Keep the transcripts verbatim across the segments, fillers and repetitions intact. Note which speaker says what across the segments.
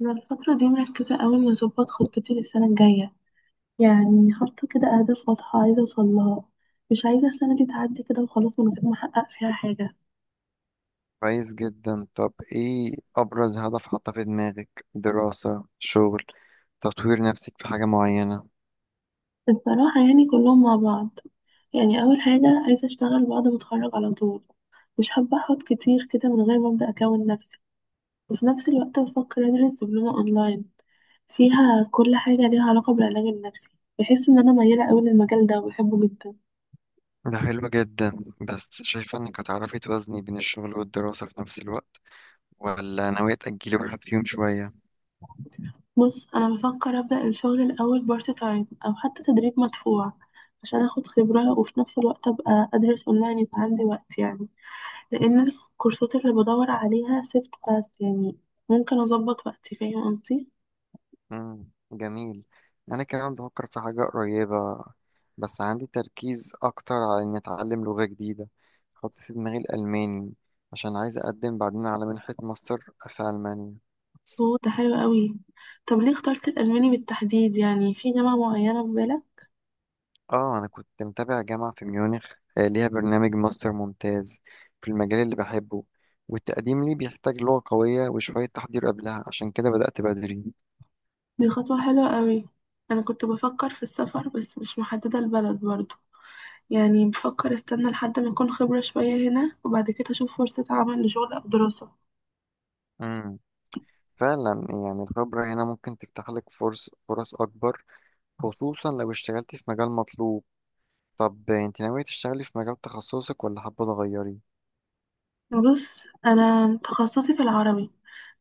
Speaker 1: أنا الفترة دي مركزة أوي إني أظبط خطتي للسنة الجاية. يعني حاطة كده أهداف واضحة عايزة أوصلها. مش عايزة السنة دي تعدي كده وخلاص من غير ما أحقق فيها حاجة.
Speaker 2: كويس جدا. طب ايه ابرز هدف حاطه في دماغك؟ دراسة، شغل، تطوير نفسك في حاجة معينة؟
Speaker 1: الصراحة يعني كلهم مع بعض. يعني أول حاجة عايزة أشتغل بعد ما أتخرج على طول. مش حابة أحط كتير كده من غير ما أبدأ أكون نفسي. وفي نفس الوقت بفكر أدرس دبلومة أونلاين فيها كل حاجة ليها علاقة بالعلاج النفسي. بحس إن أنا ميالة أوي للمجال ده وبحبه جدا.
Speaker 2: ده حلو جدا، بس شايفة انك هتعرفي توازني بين الشغل والدراسة في نفس الوقت، ولا ناوية تأجلي واحد فيهم شوية؟
Speaker 1: بص، انا بفكر ابدا الشغل الاول بارت تايم او حتى تدريب مدفوع عشان اخد خبره. وفي نفس الوقت ابقى ادرس اونلاين يبقى عندي وقت يعني. لان الكورسات اللي بدور عليها سيفت فاست يعني ممكن اظبط وقتي. فاهم قصدي؟
Speaker 2: امم جميل. انا كمان بفكر في حاجة قريبة، بس عندي تركيز اكتر على اني اتعلم لغة جديدة. حاطط في دماغي الالماني عشان عايز اقدم بعدين على منحة ماستر في المانيا.
Speaker 1: هو ده حلو قوي. طب ليه اخترت الالماني بالتحديد؟ يعني في جامعه معينه في بالك؟
Speaker 2: اه، انا كنت متابع جامعة في ميونخ. آه، ليها برنامج ماستر ممتاز في المجال اللي بحبه، والتقديم ليه بيحتاج لغة قوية وشوية تحضير قبلها، عشان كده بدأت بدري.
Speaker 1: دي خطوه حلوه قوي. انا كنت بفكر في السفر بس مش محدده البلد برضه. يعني بفكر استنى لحد ما اكون خبرة شوية هنا وبعد كده اشوف فرصة عمل لشغل او دراسة.
Speaker 2: امم فعلا، يعني الخبرة هنا ممكن تفتح لك فرص فرص أكبر، خصوصا لو اشتغلت في مجال مطلوب. طب انت ناوية تشتغلي في مجال تخصصك ولا حابة تغيري؟
Speaker 1: بص، انا تخصصي في العربي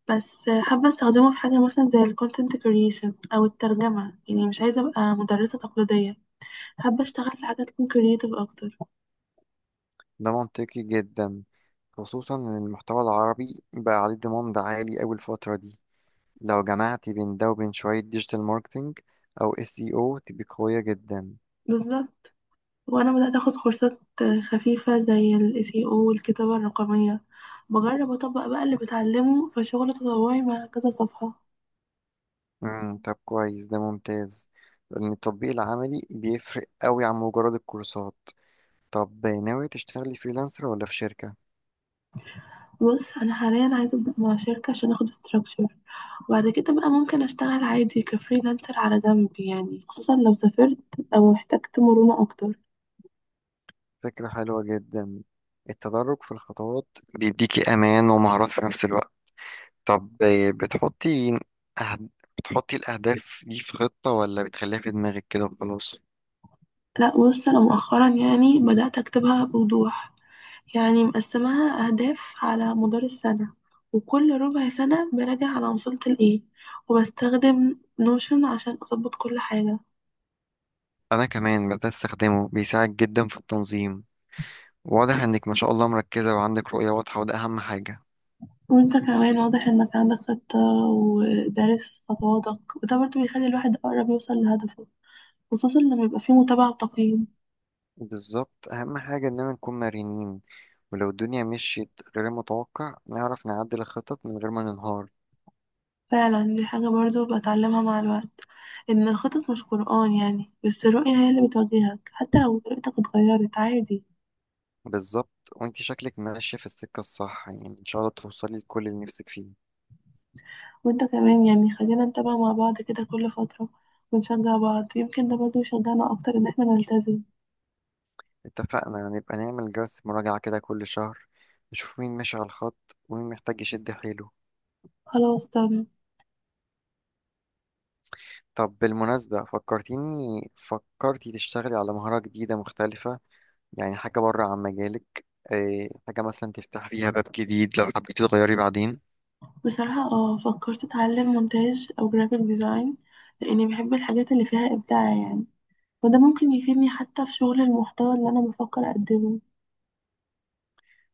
Speaker 1: بس. حابة استخدمه في حاجة مثلا زي ال content creation او الترجمة. يعني مش عايزة ابقى مدرسة تقليدية. حابة اشتغل في حاجة تكون creative اكتر.
Speaker 2: ده منطقي جدا، خصوصا ان المحتوى العربي بقى عليه ضمان دعاية عالي أوي الفترة دي. لو جمعتي بين ده وبين شوية ديجيتال ماركتينج أو اس اي او، تبقي قوية جدا.
Speaker 1: بالظبط. وانا بدأت اخد كورسات خفيفة زي ال S E O والكتابة الرقمية. بجرب اطبق بقى اللي بتعلمه في شغل تطوعي مع كذا صفحة.
Speaker 2: مم. طب كويس، ده ممتاز لأن التطبيق العملي بيفرق قوي عن مجرد الكورسات. طب ناوية تشتغلي فريلانسر ولا في شركة؟
Speaker 1: بص، انا حاليا عايزه ابدا مع شركه عشان اخد استراكشر. وبعد كده بقى ممكن اشتغل عادي كفريلانسر على جنب يعني، خصوصا لو سافرت او احتجت مرونه اكتر.
Speaker 2: فكرة حلوة جدا. التدرج في الخطوات بيديكي أمان ومهارات في نفس الوقت. طب، بتحطي أهد... بتحطي الأهداف دي في خطة ولا بتخليها في دماغك كده وخلاص؟
Speaker 1: لا بص، انا مؤخرا يعني بدات اكتبها بوضوح. يعني مقسماها اهداف على مدار السنه، وكل ربع سنه براجع على وصلت لايه. وبستخدم نوشن عشان اظبط كل حاجه.
Speaker 2: أنا كمان بدأت أستخدمه، بيساعد جدا في التنظيم. واضح انك ما شاء الله مركزة وعندك رؤية واضحة، وده اهم حاجة.
Speaker 1: وانت كمان واضح انك عندك خطة ودارس خطواتك، وده برضه بيخلي الواحد اقرب يوصل لهدفه، خصوصا لما يبقى فيه متابعة وتقييم.
Speaker 2: بالظبط، اهم حاجة اننا نكون مرنين، ولو الدنيا مشيت غير المتوقع نعرف نعدل الخطط من غير ما ننهار.
Speaker 1: فعلا، دي حاجة برضو بتعلمها مع الوقت. إن الخطط مش قرآن يعني، بس الرؤية هي اللي بتوجهك، حتى لو رؤيتك اتغيرت عادي.
Speaker 2: بالظبط، وانتي شكلك ماشية في السكة الصح، يعني ان شاء الله توصلي لكل اللي نفسك فيه.
Speaker 1: وانت كمان يعني خلينا نتابع مع بعض كده كل فترة ونشجع بعض. يمكن ده برضو يشجعنا أكتر إن احنا نلتزم.
Speaker 2: اتفقنا. نبقى نعمل جلسة مراجعة كده كل شهر، نشوف مين ماشي على الخط ومين محتاج يشد حيله.
Speaker 1: خلاص تم.
Speaker 2: طب بالمناسبة، فكرتيني، فكرتي تشتغلي على مهارة جديدة مختلفة، يعني حاجة بره عن مجالك. آه، حاجة مثلا تفتح فيها باب جديد لو حبيتي تغيري بعدين.
Speaker 1: بصراحة اه، فكرت أتعلم مونتاج أو جرافيك ديزاين، لأني بحب الحاجات اللي فيها إبداع يعني. وده ممكن يفيدني حتى في شغل المحتوى اللي أنا بفكر أقدمه.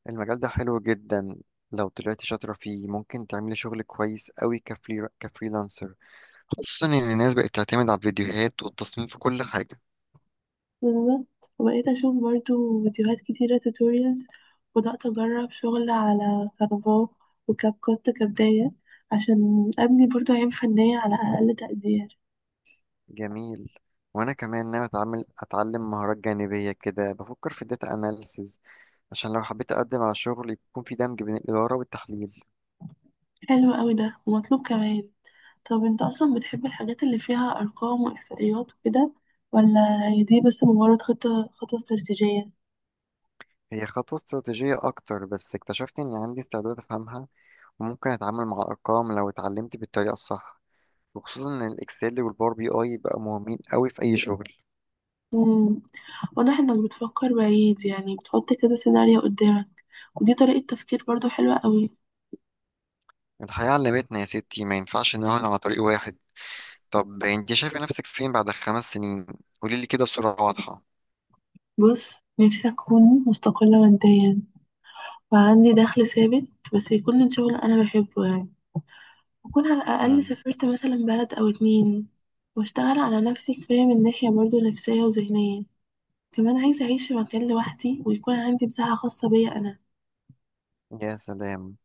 Speaker 2: المجال ده حلو جدا. لو طلعتي شاطرة فيه ممكن تعملي شغل كويس قوي كفري كفريلانسر، خصوصا إن الناس بقت تعتمد على الفيديوهات والتصميم في كل حاجة.
Speaker 1: بالظبط. وبقيت أشوف برضو فيديوهات كتيرة، توتوريالز. وبدأت أجرب شغل على كانفا وكاب كوت كبداية، عشان أبني برضو عين فنية على أقل تقدير.
Speaker 2: جميل. وأنا كمان ناوي أتعمل أتعلم مهارات جانبية كده، بفكر في الداتا أناليسز عشان لو حبيت أقدم على شغل يكون في دمج بين الإدارة والتحليل.
Speaker 1: حلو أوي ده ومطلوب كمان. طب أنت أصلا بتحب الحاجات اللي فيها أرقام وإحصائيات وكده؟ ولا هي دي بس مجرد خطة خطوة استراتيجية؟
Speaker 2: هي خطوة استراتيجية أكتر، بس اكتشفت إن عندي استعداد أفهمها. ممكن اتعامل مع ارقام لو اتعلمت بالطريقه الصح، وخصوصا ان الاكسل والباور بي اي بقى مهمين قوي في اي شغل.
Speaker 1: مم. واضح إنك بتفكر بعيد، يعني بتحط كده سيناريو قدامك. ودي طريقة تفكير برضو حلوة أوي.
Speaker 2: الحياه علمتنا يا ستي، ما ينفعش نراهن على طريق واحد. طب انت شايفه نفسك فين بعد خمس سنين؟ قولي لي كده بصوره واضحه.
Speaker 1: بص، نفسي أكون مستقلة ماديا وعندي دخل ثابت، بس يكون من شغل أنا بحبه يعني. وأكون على الأقل
Speaker 2: مم.
Speaker 1: سافرت مثلا بلد أو اتنين. وأشتغل على نفسي كفاية من ناحية برضه نفسية وذهنية. كمان عايزة أعيش في مكان لوحدي ويكون عندي مساحة خاصة بيا أنا.
Speaker 2: يا سلام،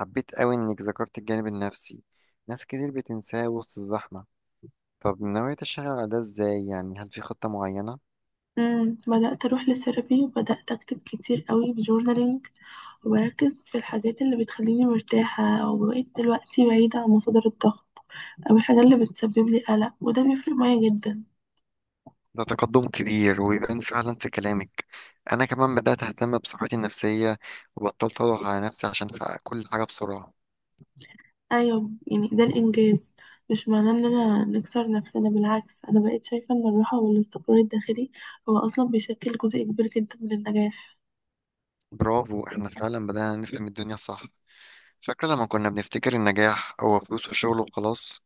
Speaker 2: حبيت قوي انك ذكرت الجانب النفسي، ناس كتير بتنساه وسط الزحمه. طب ناوية تشتغل على ده ازاي؟ يعني هل في خطة معينة؟
Speaker 1: مم. بدأت أروح للثيرابي وبدأت أكتب كتير قوي في جورنالينج. وبركز في الحاجات اللي بتخليني مرتاحة. وبقيت دلوقتي بعيدة عن مصادر الضغط أو الحاجات اللي بتسبب لي قلق. وده بيفرق معايا جدا.
Speaker 2: ده تقدم كبير، ويبان فعلا في كلامك. أنا كمان بدأت أهتم بصحتي النفسية، وبطلت أضغط على نفسي عشان أحقق كل حاجة بسرعة.
Speaker 1: ايوه يعني ده الانجاز. مش معناه ان انا نكسر نفسنا، بالعكس. انا بقيت شايفه ان الراحه والاستقرار الداخلي هو اصلا بيشكل جزء كبير جدا من النجاح.
Speaker 2: برافو، إحنا فعلا بدأنا نفهم الدنيا صح. فاكرة لما كنا بنفتكر النجاح هو فلوس وشغل وخلاص؟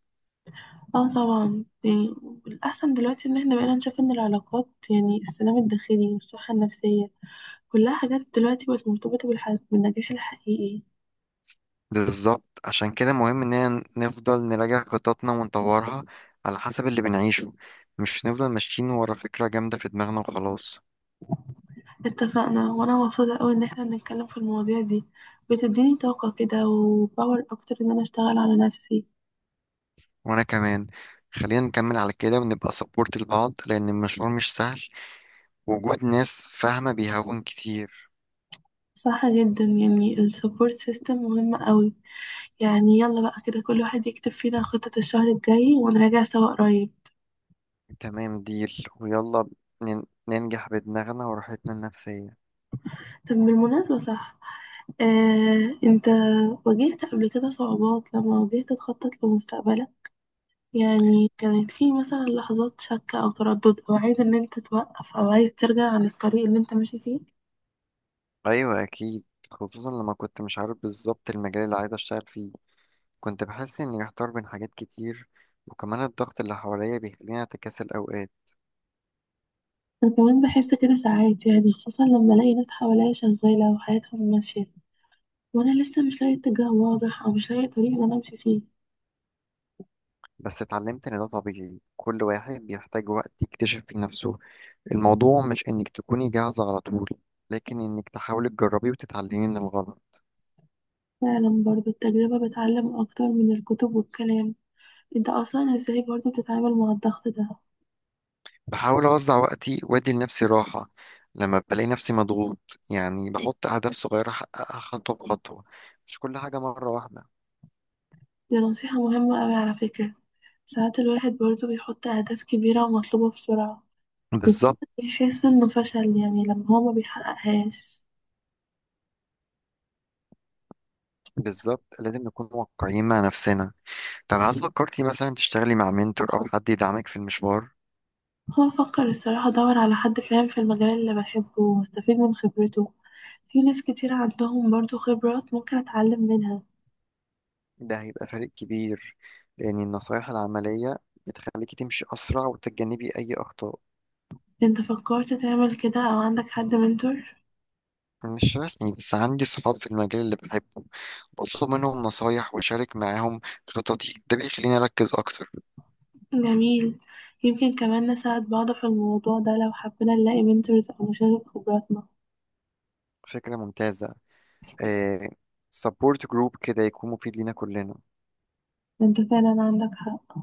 Speaker 1: اه طبعا يعني الاحسن دلوقتي، ان احنا بقينا نشوف ان العلاقات يعني السلام الداخلي والصحه النفسيه كلها حاجات دلوقتي بقت مرتبطه بالح- بالنجاح الحقيقي.
Speaker 2: بالظبط، عشان كده مهم إننا نفضل نراجع خططنا ونطورها على حسب اللي بنعيشه، مش نفضل ماشيين ورا فكرة جامدة في دماغنا وخلاص.
Speaker 1: اتفقنا. وانا مبسوطه قوي ان احنا بنتكلم في المواضيع دي. بتديني طاقه كده وباور اكتر ان انا اشتغل على نفسي.
Speaker 2: وأنا كمان. خلينا نكمل على كده ونبقى سبورت لبعض، لأن المشوار مش سهل، وجود ناس فاهمة بيهون كتير.
Speaker 1: صح جدا. يعني السبورت سيستم مهم قوي. يعني يلا بقى كده كل واحد يكتب فينا خطة الشهر الجاي ونراجع سوا قريب.
Speaker 2: تمام ديل ويلا، نن- ننجح بدماغنا وراحتنا النفسية.
Speaker 1: طب بالمناسبة صح. آه، انت واجهت قبل كده صعوبات لما واجهت تخطط لمستقبلك؟ يعني كانت في مثلا لحظات شك او تردد او عايز ان انت توقف او عايز ترجع عن الطريق اللي انت ماشي فيه؟
Speaker 2: أيوة أكيد، خصوصا لما كنت مش عارف بالظبط المجال اللي عايز أشتغل فيه. كنت بحس إني محتار بين حاجات كتير، وكمان الضغط اللي حواليا بيخليني أتكاسل أوقات.
Speaker 1: انا كمان بحس كده ساعات يعني، خصوصا لما الاقي ناس حواليا شغالة وحياتهم ماشية، وانا لسه مش لاقي اتجاه واضح او مش لاقي طريق ان انا امشي فيه.
Speaker 2: بس اتعلمت إن ده طبيعي، كل واحد بيحتاج وقت يكتشف في نفسه. الموضوع مش إنك تكوني جاهزة على طول، لكن إنك تحاولي تجربي وتتعلمي من الغلط.
Speaker 1: فعلا. برضو التجربة بتعلم أكتر من الكتب والكلام. انت أصلا ازاي برضو بتتعامل مع الضغط ده؟
Speaker 2: بحاول أوزع وقتي وأدي لنفسي راحة لما بلاقي نفسي مضغوط، يعني بحط أهداف صغيرة أحققها خطوة بخطوة، مش كل حاجة مرة واحدة.
Speaker 1: دي نصيحة مهمة أوي على فكرة. ساعات الواحد برضو بيحط أهداف كبيرة ومطلوبة بسرعة
Speaker 2: بالظبط.
Speaker 1: وبيحس إنه فشل يعني لما هو ما بيحققهاش.
Speaker 2: بالظبط، لازم نكون واقعيين مع نفسنا. طب هل فكرتي مثلا تشتغلي مع منتور أو حد يدعمك في المشوار؟
Speaker 1: هو فكر الصراحة أدور على حد فاهم في المجال اللي بحبه واستفيد من خبرته. في ناس كتير عندهم برضو خبرات ممكن أتعلم منها.
Speaker 2: ده هيبقى فارق كبير، لأن النصايح العملية بتخليكي تمشي أسرع وتتجنبي أي أخطاء.
Speaker 1: انت فكرت تعمل كده أو عندك حد منتور؟
Speaker 2: مش رسمي، بس عندي صحاب في المجال اللي بحبه، بطلب منهم نصايح وأشارك معاهم خططي. ده بيخليني أركز أكتر.
Speaker 1: جميل. يمكن كمان نساعد بعض في الموضوع ده لو حبينا نلاقي منتورز أو نشارك خبراتنا.
Speaker 2: فكرة ممتازة. إيه، سبورت جروب كده يكون مفيد لينا كلنا.
Speaker 1: انت فعلا عندك حق.